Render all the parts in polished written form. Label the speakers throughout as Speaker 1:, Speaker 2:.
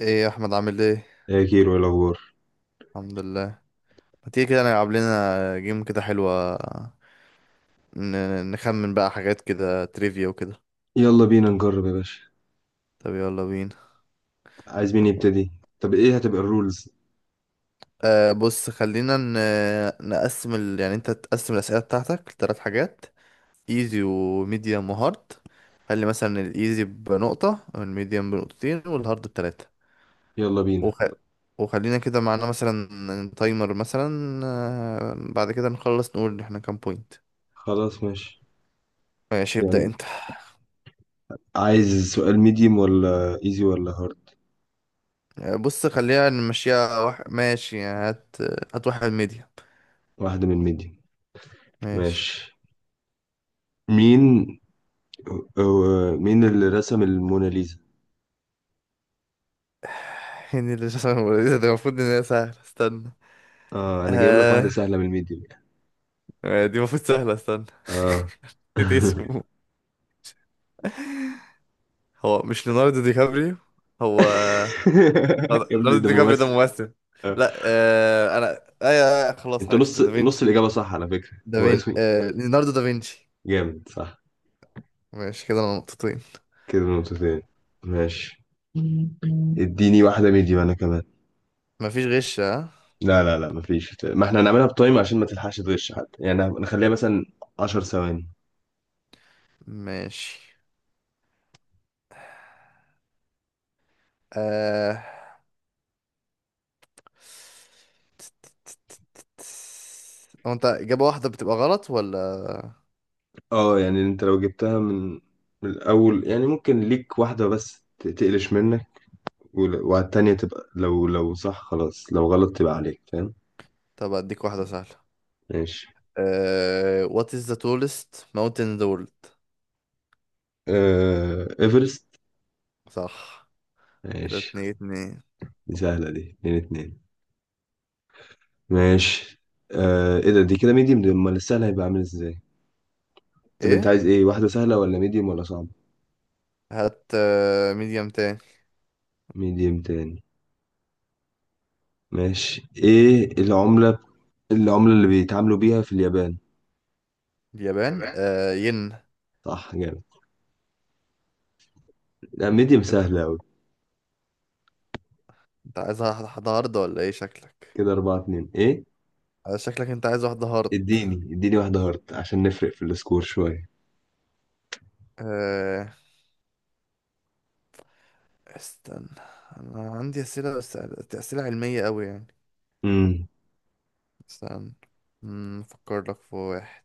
Speaker 1: ايه يا احمد، عامل ايه؟
Speaker 2: يا كيرو، ايه الاخبار؟
Speaker 1: الحمد لله. ما تيجي كده نلعب لنا جيم كده حلوة؟ نخمن بقى حاجات كده، تريفيا وكده.
Speaker 2: يلا بينا نجرب يا باشا.
Speaker 1: طب يلا بينا.
Speaker 2: عايز مين يبتدي؟ طب ايه هتبقى الرولز؟
Speaker 1: آه بص خلينا نقسم يعني انت تقسم الأسئلة بتاعتك لثلاث حاجات: ايزي وميديوم وهارد. خلي مثلا الايزي بنقطة، والميديوم بنقطتين، والهارد بتلاتة.
Speaker 2: يلا بينا.
Speaker 1: وخ... وخلينا كده معانا مثلا تايمر مثلا. بعد كده نخلص نقول احنا كام بوينت.
Speaker 2: خلاص ماشي.
Speaker 1: ماشي، ابدأ
Speaker 2: يعني
Speaker 1: انت.
Speaker 2: عايز سؤال ميديوم ولا ايزي ولا هارد؟
Speaker 1: بص خلينا نمشيها ماشي يعني هات. هات واحد ميديا.
Speaker 2: واحدة من ميديوم.
Speaker 1: ماشي.
Speaker 2: ماشي. مين مين اللي رسم الموناليزا؟
Speaker 1: هني اللي شخص ده، المفروض ان هي سهلة، استنى.
Speaker 2: اه، انا جايب لك واحدة
Speaker 1: آه...
Speaker 2: سهلة من الميديوم يعني.
Speaker 1: دي المفروض سهلة، استنى.
Speaker 2: اه.
Speaker 1: نسيت اسمه. هو مش ليوناردو دي كابريو؟ هو
Speaker 2: يا ابني،
Speaker 1: ليوناردو
Speaker 2: ده
Speaker 1: دي كابريو ده
Speaker 2: ممثل.
Speaker 1: ممثل.
Speaker 2: آه.
Speaker 1: لا. انا ايوه، أيوة، خلاص
Speaker 2: انت
Speaker 1: عرفت
Speaker 2: نص نص
Speaker 1: دافينشي.
Speaker 2: الإجابة صح على فكرة. هو اسمي،
Speaker 1: ليوناردو دافينشي.
Speaker 2: جامد صح.
Speaker 1: ماشي كده، انا نقطتين.
Speaker 2: كده نقطتين. ماشي، اديني واحدة ميديوم انا كمان.
Speaker 1: مفيش غش، ها؟
Speaker 2: لا لا لا، مفيش، ما احنا هنعملها بتايم عشان ما تلحقش تغش حد، يعني نخليها مثلا 10 ثواني.
Speaker 1: ماشي. آه... هو انت إجابة واحدة بتبقى غلط ولا؟
Speaker 2: اه، يعني انت لو جبتها من الاول يعني ممكن ليك واحدة بس تقلش منك، وعلى التانية تبقى لو لو صح خلاص، لو غلط تبقى عليك، فاهم؟
Speaker 1: طب اديك واحدة سهلة.
Speaker 2: ماشي.
Speaker 1: What is the tallest mountain in the world؟
Speaker 2: ايفرست.
Speaker 1: صح. كده
Speaker 2: ماشي،
Speaker 1: اتنين اتنين.
Speaker 2: دي سهلة، دي اتنين اتنين. ماشي. ايه ده؟ دي كده ميديوم؟ دي امال السهل هيبقى عامل ازاي؟ طب انت
Speaker 1: ايه؟
Speaker 2: عايز ايه، واحدة سهلة ولا ميديوم ولا صعب؟
Speaker 1: هات ميديم تاني.
Speaker 2: ميديوم تاني. ماشي، ايه العملة؟ العملة اللي بيتعاملوا بيها في اليابان؟
Speaker 1: اليابان،
Speaker 2: اليابان.
Speaker 1: ين.
Speaker 2: صح، جامد. لا ميديوم
Speaker 1: كده.
Speaker 2: سهلة أوي.
Speaker 1: انت عايز واحدة هارد ولا ايه، شكلك؟
Speaker 2: كده أربعة اتنين إيه؟
Speaker 1: شكلك انت عايز واحدة هارد.
Speaker 2: اديني اديني واحدة هارد عشان نفرق في السكور شوية.
Speaker 1: أه... استنى. انا عندي اسئلة بس، اسئلة علمية قوي يعني.
Speaker 2: امم
Speaker 1: استنى. افكر لك في واحد.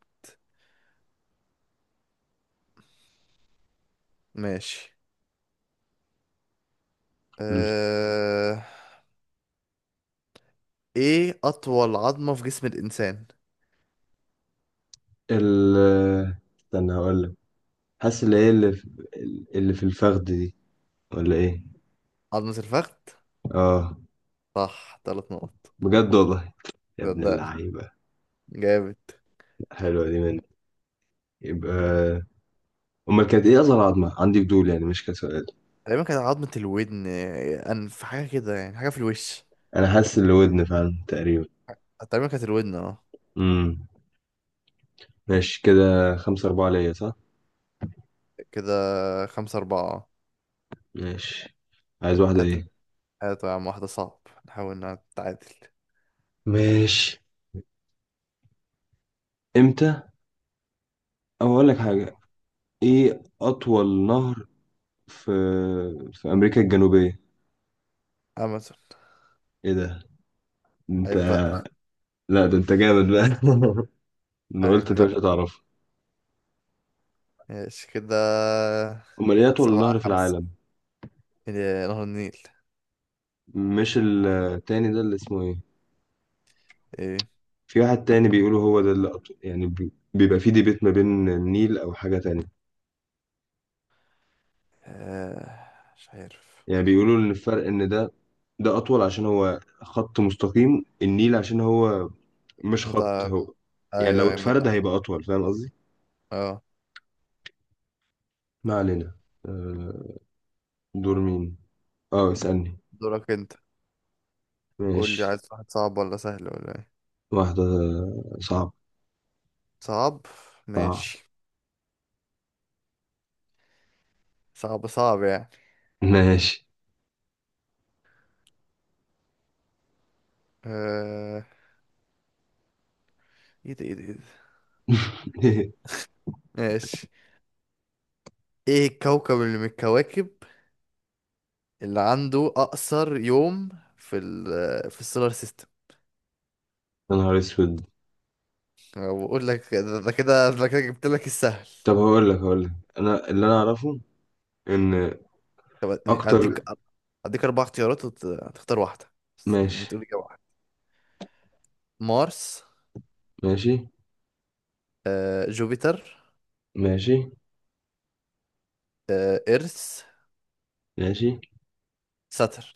Speaker 1: ماشي.
Speaker 2: ال
Speaker 1: أه... ايه اطول عظمة في جسم الانسان؟
Speaker 2: ال- استنى هقولك. حاسس اللي هي اللي في اللي في الفخد دي، ولا إيه؟
Speaker 1: عظمة الفخذ.
Speaker 2: آه.
Speaker 1: صح، ثلاث نقط.
Speaker 2: بجد والله، يا ابن
Speaker 1: صدقني.
Speaker 2: اللعيبة.
Speaker 1: جامد.
Speaker 2: حلوة دي منك. يبقى أمال كانت إيه أصغر عظمة؟ عندي فضول يعني، مش كسر.
Speaker 1: تقريبا كانت عظمة الودن، انف حاجة كده يعني، حاجة في الوش.
Speaker 2: انا حاسس اللي ودن فعلا تقريبا.
Speaker 1: تقريبا كانت الودن، اه.
Speaker 2: امم ماشي، كده خمسة أربعة ليا صح؟
Speaker 1: كده خمسة أربعة.
Speaker 2: ماشي. عايز واحدة
Speaker 1: هات انت-
Speaker 2: ايه؟
Speaker 1: هات يا عم واحدة صعب، نحاول نتعادل.
Speaker 2: ماشي. امتى؟ او اقول لك
Speaker 1: اه.
Speaker 2: حاجة. ايه اطول نهر في في امريكا الجنوبية؟
Speaker 1: أمازون.
Speaker 2: ايه ده؟ انت!
Speaker 1: عيب بقى.
Speaker 2: لا ده انت جامد بقى. انا قلت
Speaker 1: عيب
Speaker 2: انت مش
Speaker 1: بقى.
Speaker 2: هتعرفه.
Speaker 1: ماشي كده.
Speaker 2: امال ايه اطول
Speaker 1: سبعة
Speaker 2: نهر في
Speaker 1: خمسة.
Speaker 2: العالم؟
Speaker 1: إيه، نهر النيل.
Speaker 2: مش التاني ده اللي اسمه ايه؟
Speaker 1: ايه؟
Speaker 2: في واحد تاني بيقولوا هو ده اللي أطول. يعني بيبقى في ديبيت ما بين النيل او حاجة تانية.
Speaker 1: آه، مش عارف.
Speaker 2: يعني بيقولوا ان الفرق ان ده ده اطول عشان هو خط مستقيم، النيل عشان هو مش خط
Speaker 1: متعب؟
Speaker 2: هو. يعني
Speaker 1: ايوه،
Speaker 2: لو
Speaker 1: ايوه،
Speaker 2: اتفرد
Speaker 1: متعب.
Speaker 2: هيبقى اطول، فاهم قصدي؟
Speaker 1: اه.
Speaker 2: ما علينا. آه، دور مين؟ اه، اسألني.
Speaker 1: دورك انت. قول لي
Speaker 2: ماشي.
Speaker 1: عايز واحد صعب ولا سهل ولا ايه؟
Speaker 2: واحدة صعب.
Speaker 1: صعب.
Speaker 2: صعب.
Speaker 1: ماشي. صعب، صعب يعني.
Speaker 2: ماشي.
Speaker 1: آه... ايه ده، ايه ده، ايه ده! ماشي. ايه الكوكب اللي من الكواكب اللي عنده اقصر يوم في السولار سيستم؟
Speaker 2: يا نهار اسود.
Speaker 1: بقول لك ده ده كده، ده كده جبت لك السهل.
Speaker 2: طب هقول لك انا اللي انا اعرفه ان
Speaker 1: طب يعني
Speaker 2: اكتر.
Speaker 1: اديك، اربع اختيارات وتختار واحده، بس يعني
Speaker 2: ماشي.
Speaker 1: تقول اجابه واحده. مارس.
Speaker 2: ماشي.
Speaker 1: جوبيتر.
Speaker 2: ماشي.
Speaker 1: ايرث.
Speaker 2: ماشي.
Speaker 1: ساترن.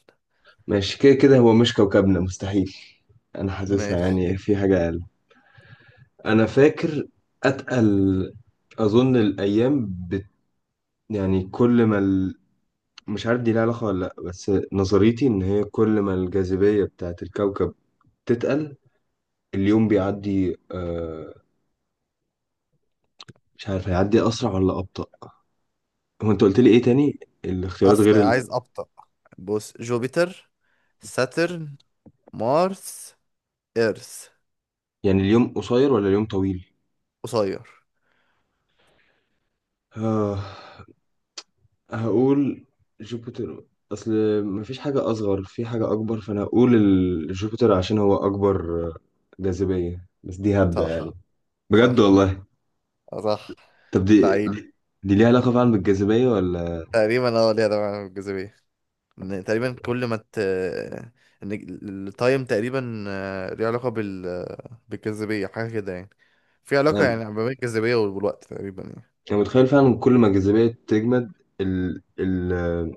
Speaker 2: ماشي كده كده، هو مش كوكبنا مستحيل. انا حاسسها
Speaker 1: ماشي.
Speaker 2: يعني في حاجة. انا فاكر اتقل. اظن يعني كل ما ال... مش عارف دي لها علاقه ولا لا، بس نظريتي ان هي كل ما الجاذبيه بتاعت الكوكب تتقل، اليوم بيعدي مش عارف هيعدي اسرع ولا ابطا. هو انت قلت لي ايه تاني؟ الاختيارات غير ال...
Speaker 1: عايز ابطأ. بص: جوبيتر، ساترن، مارس، ايرث.
Speaker 2: يعني اليوم قصير ولا اليوم طويل؟
Speaker 1: قصير.
Speaker 2: آه... هقول جوبيتر. اصل مفيش حاجه اصغر في حاجه اكبر، فانا هقول جوبيتر عشان هو اكبر، جاذبيه، بس دي هبدأ.
Speaker 1: صح.
Speaker 2: بجد
Speaker 1: صح.
Speaker 2: والله.
Speaker 1: صح.
Speaker 2: طب دي
Speaker 1: لعيب.
Speaker 2: دي, دي ليها علاقة فعلا بالجاذبية ولا؟
Speaker 1: تقريبا اه، ليها دعوة بالجاذبية. إن تقريبا كل ما ان التايم تقريبا ليه علاقة بالجاذبية، حاجة كده يعني. في علاقة
Speaker 2: يعني
Speaker 1: يعني ما بين الجاذبية والوقت تقريبا يعني.
Speaker 2: أنا متخيل فعلا كل ما الجاذبية تجمد ال ال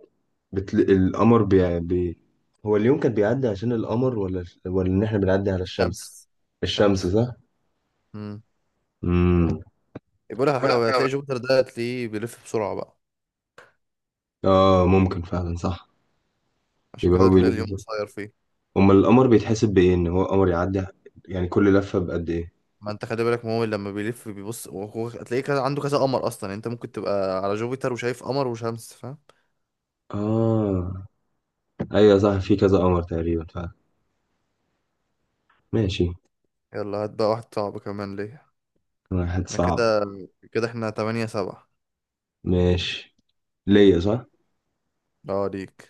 Speaker 2: القمر هو اليوم كان بيعدي عشان القمر ولا إن إحنا بنعدي على الشمس؟
Speaker 1: الشمس.
Speaker 2: الشمس
Speaker 1: الشمس.
Speaker 2: صح؟
Speaker 1: امم.
Speaker 2: امم
Speaker 1: بقول لك على
Speaker 2: ولا
Speaker 1: حاجة،
Speaker 2: حاجة.
Speaker 1: هتلاقي جوبيتر ده هتلاقيه بيلف بسرعة بقى.
Speaker 2: آه، ممكن فعلا صح.
Speaker 1: عشان
Speaker 2: يبقى
Speaker 1: كده
Speaker 2: هو
Speaker 1: هتلاقي
Speaker 2: بيلف
Speaker 1: اليوم
Speaker 2: كده.
Speaker 1: قصير فيه.
Speaker 2: أمال القمر بيتحسب بإيه إن هو قمر يعدي؟ يعني كل لفة بقد إيه؟
Speaker 1: ما انت خلي بالك، ما هو لما بيلف بيبص، وهو هتلاقيه كذا، عنده كذا قمر اصلا، يعني انت ممكن تبقى على جوبيتر وشايف قمر وشمس، فاهم؟
Speaker 2: آه، أيوة صح، في كذا قمر تقريبا فعلا. ماشي.
Speaker 1: يلا هات بقى واحد صعب كمان ليه.
Speaker 2: واحد
Speaker 1: احنا
Speaker 2: صعب.
Speaker 1: كده، كده احنا تمانية سبعة.
Speaker 2: ماشي. ليا صح؟
Speaker 1: اه، ليك.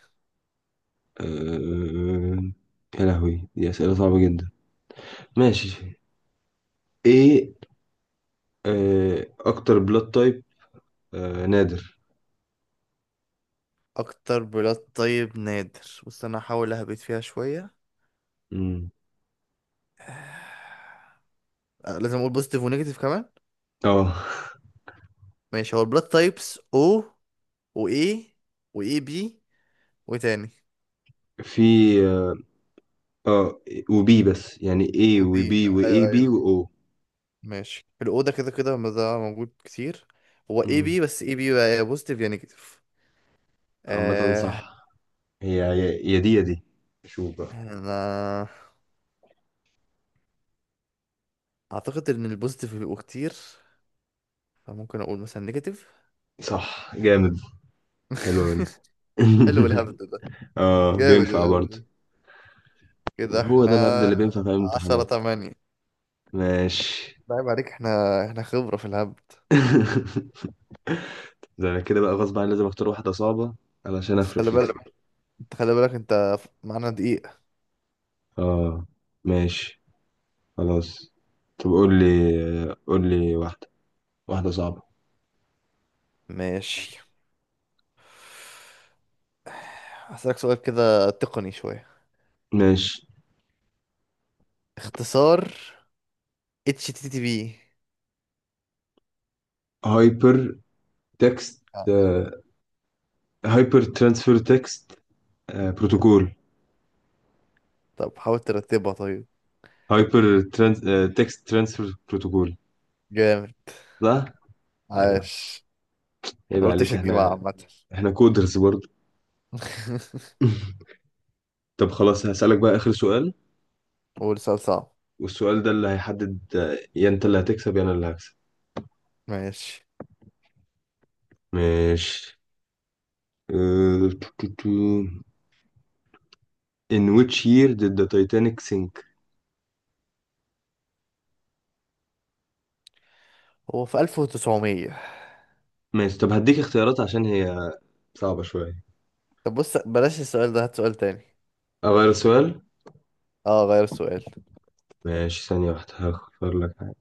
Speaker 2: أه... يا لهوي، دي أسئلة صعبة جدا. ماشي. ايه؟ أكتر بلاد تايب نادر.
Speaker 1: اكتر بلاد، طيب نادر، بص انا هحاول اهبط فيها شوية.
Speaker 2: مم.
Speaker 1: لازم اقول بوزيتيف ونيجاتيف كمان.
Speaker 2: اه.
Speaker 1: ماشي، هو البلاد تايبس او، واي، واي بي، وتاني،
Speaker 2: في. اه. آه، وبي، بس يعني ايه
Speaker 1: وبي.
Speaker 2: وبي؟
Speaker 1: ايوه،
Speaker 2: واي بي،
Speaker 1: ايوه.
Speaker 2: واو.
Speaker 1: ماشي الأوضة، كده كده ما ده موجود كتير. هو اي
Speaker 2: مم.
Speaker 1: بي، بس اي بي بقى يا بوزيتيف يا نيجاتيف.
Speaker 2: عامة
Speaker 1: آه.
Speaker 2: صح. هي يا يا دي يا دي. شوف بقى.
Speaker 1: انا اعتقد ان البوزيتيف بيبقوا كتير، فممكن اقول مثلا نيجاتيف.
Speaker 2: صح، جامد. حلو منك.
Speaker 1: حلو الهبد ده.
Speaker 2: اه،
Speaker 1: جامد
Speaker 2: بينفع
Speaker 1: الهبد
Speaker 2: برضه.
Speaker 1: ده. كده
Speaker 2: هو ده
Speaker 1: احنا
Speaker 2: الهبد اللي بينفع في أي
Speaker 1: عشرة
Speaker 2: امتحانات.
Speaker 1: تمانية.
Speaker 2: ماشي.
Speaker 1: لعيب عليك، احنا خبرة في الهبد.
Speaker 2: ده انا كده بقى غصب عني لازم اختار واحدة صعبة علشان
Speaker 1: بس
Speaker 2: افرق
Speaker 1: خلي
Speaker 2: فيك.
Speaker 1: بالك، انت خلي بالك انت معانا دقيقة.
Speaker 2: اه، ماشي، خلاص. طب قول لي قول لي واحدة، واحدة صعبة.
Speaker 1: ماشي. هسألك سؤال كده تقني شوية:
Speaker 2: ماشي.
Speaker 1: اختصار اتش تي تي بي.
Speaker 2: هايبر تكست هايبر ترانسفير تكست، بروتوكول.
Speaker 1: طب حاول ترتبها طيب.
Speaker 2: هايبر تكست ترانسفير بروتوكول.
Speaker 1: جامد.
Speaker 2: صح؟ أيوة.
Speaker 1: عاش.
Speaker 2: عيب
Speaker 1: ما قلتش
Speaker 2: عليك،
Speaker 1: هتجيبها،
Speaker 2: احنا
Speaker 1: عامة.
Speaker 2: احنا كودرز برضه. طب خلاص هسألك بقى آخر سؤال.
Speaker 1: قول سؤال صعب.
Speaker 2: والسؤال ده اللي هيحدد، يا انت اللي هتكسب يا انا اللي هكسب.
Speaker 1: ماشي.
Speaker 2: ماشي. أه، تو- تو- تو. In which year did the Titanic sink?
Speaker 1: هو في 1900؟
Speaker 2: ماشي طب هديك اختيارات عشان هي صعبة شوية.
Speaker 1: طب بص، بلاش السؤال ده، هات سؤال تاني.
Speaker 2: أغير السؤال؟
Speaker 1: اه، غير السؤال.
Speaker 2: ماشي، ثانية واحدة هختار لك حاجة.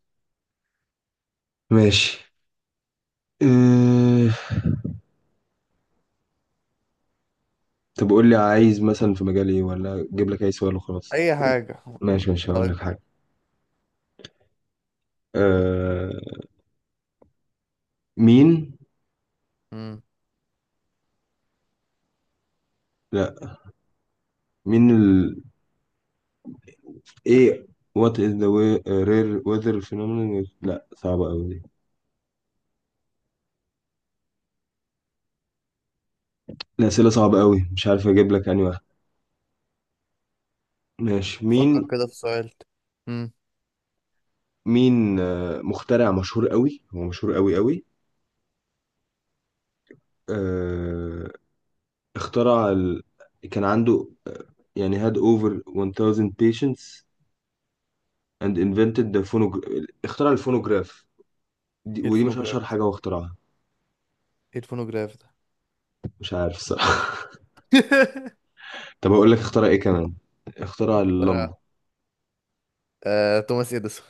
Speaker 2: ماشي. اه... طب قول لي عايز مثلا في مجال ايه، ولا اجيب لك اي سؤال وخلاص؟
Speaker 1: اي حاجة.
Speaker 2: ماشي ماشي، هقول
Speaker 1: أنا-
Speaker 2: لك حاجة. اه... مين؟
Speaker 1: مم.
Speaker 2: لا، مين ال، ايه؟ What is the way, rare weather phenomenon لا صعبة أوي دي. الأسئلة صعبة أوي، مش عارف أجيب لك أنهي واحدة. ماشي.
Speaker 1: فكر
Speaker 2: مين؟
Speaker 1: كده في سؤال. مم.
Speaker 2: مين مخترع مشهور قوي؟ هو مشهور قوي قوي. آه، اخترع كان عنده يعني had over 1000 patients and invented the اخترع الفونوجراف.
Speaker 1: ايه
Speaker 2: ودي مش اشهر
Speaker 1: الفونوجراف؟
Speaker 2: حاجة هو اخترعها.
Speaker 1: ايه الفونوجراف ده؟
Speaker 2: مش عارف الصراحة. طب اقول لك اخترع ايه كمان؟ اخترع
Speaker 1: ترى.
Speaker 2: اللمبة.
Speaker 1: توماس اديسون.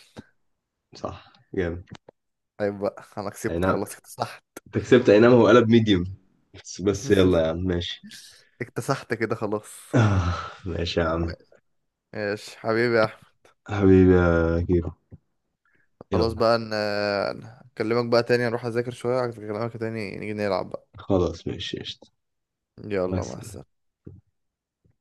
Speaker 2: صح، جامد.
Speaker 1: طيب بقى انا
Speaker 2: اي
Speaker 1: كسبت،
Speaker 2: نعم،
Speaker 1: خلاص اكتسحت.
Speaker 2: أنت كسبت. اي نعم، هو قلب ميديوم بس بس. يلا يا عم، ماشي.
Speaker 1: اكتسحت كده خلاص.
Speaker 2: آه، ماشي يا عم.
Speaker 1: ماشي حبيبي يا احمد.
Speaker 2: حبيبي يا كيرو.
Speaker 1: خلاص
Speaker 2: يلا.
Speaker 1: بقى، نكلمك بقى تاني، نروح اذاكر شوية، اكلمك تاني، نيجي نلعب بقى.
Speaker 2: خلاص ماشي، قشطة.
Speaker 1: يلا،
Speaker 2: بس.
Speaker 1: مع السلامة.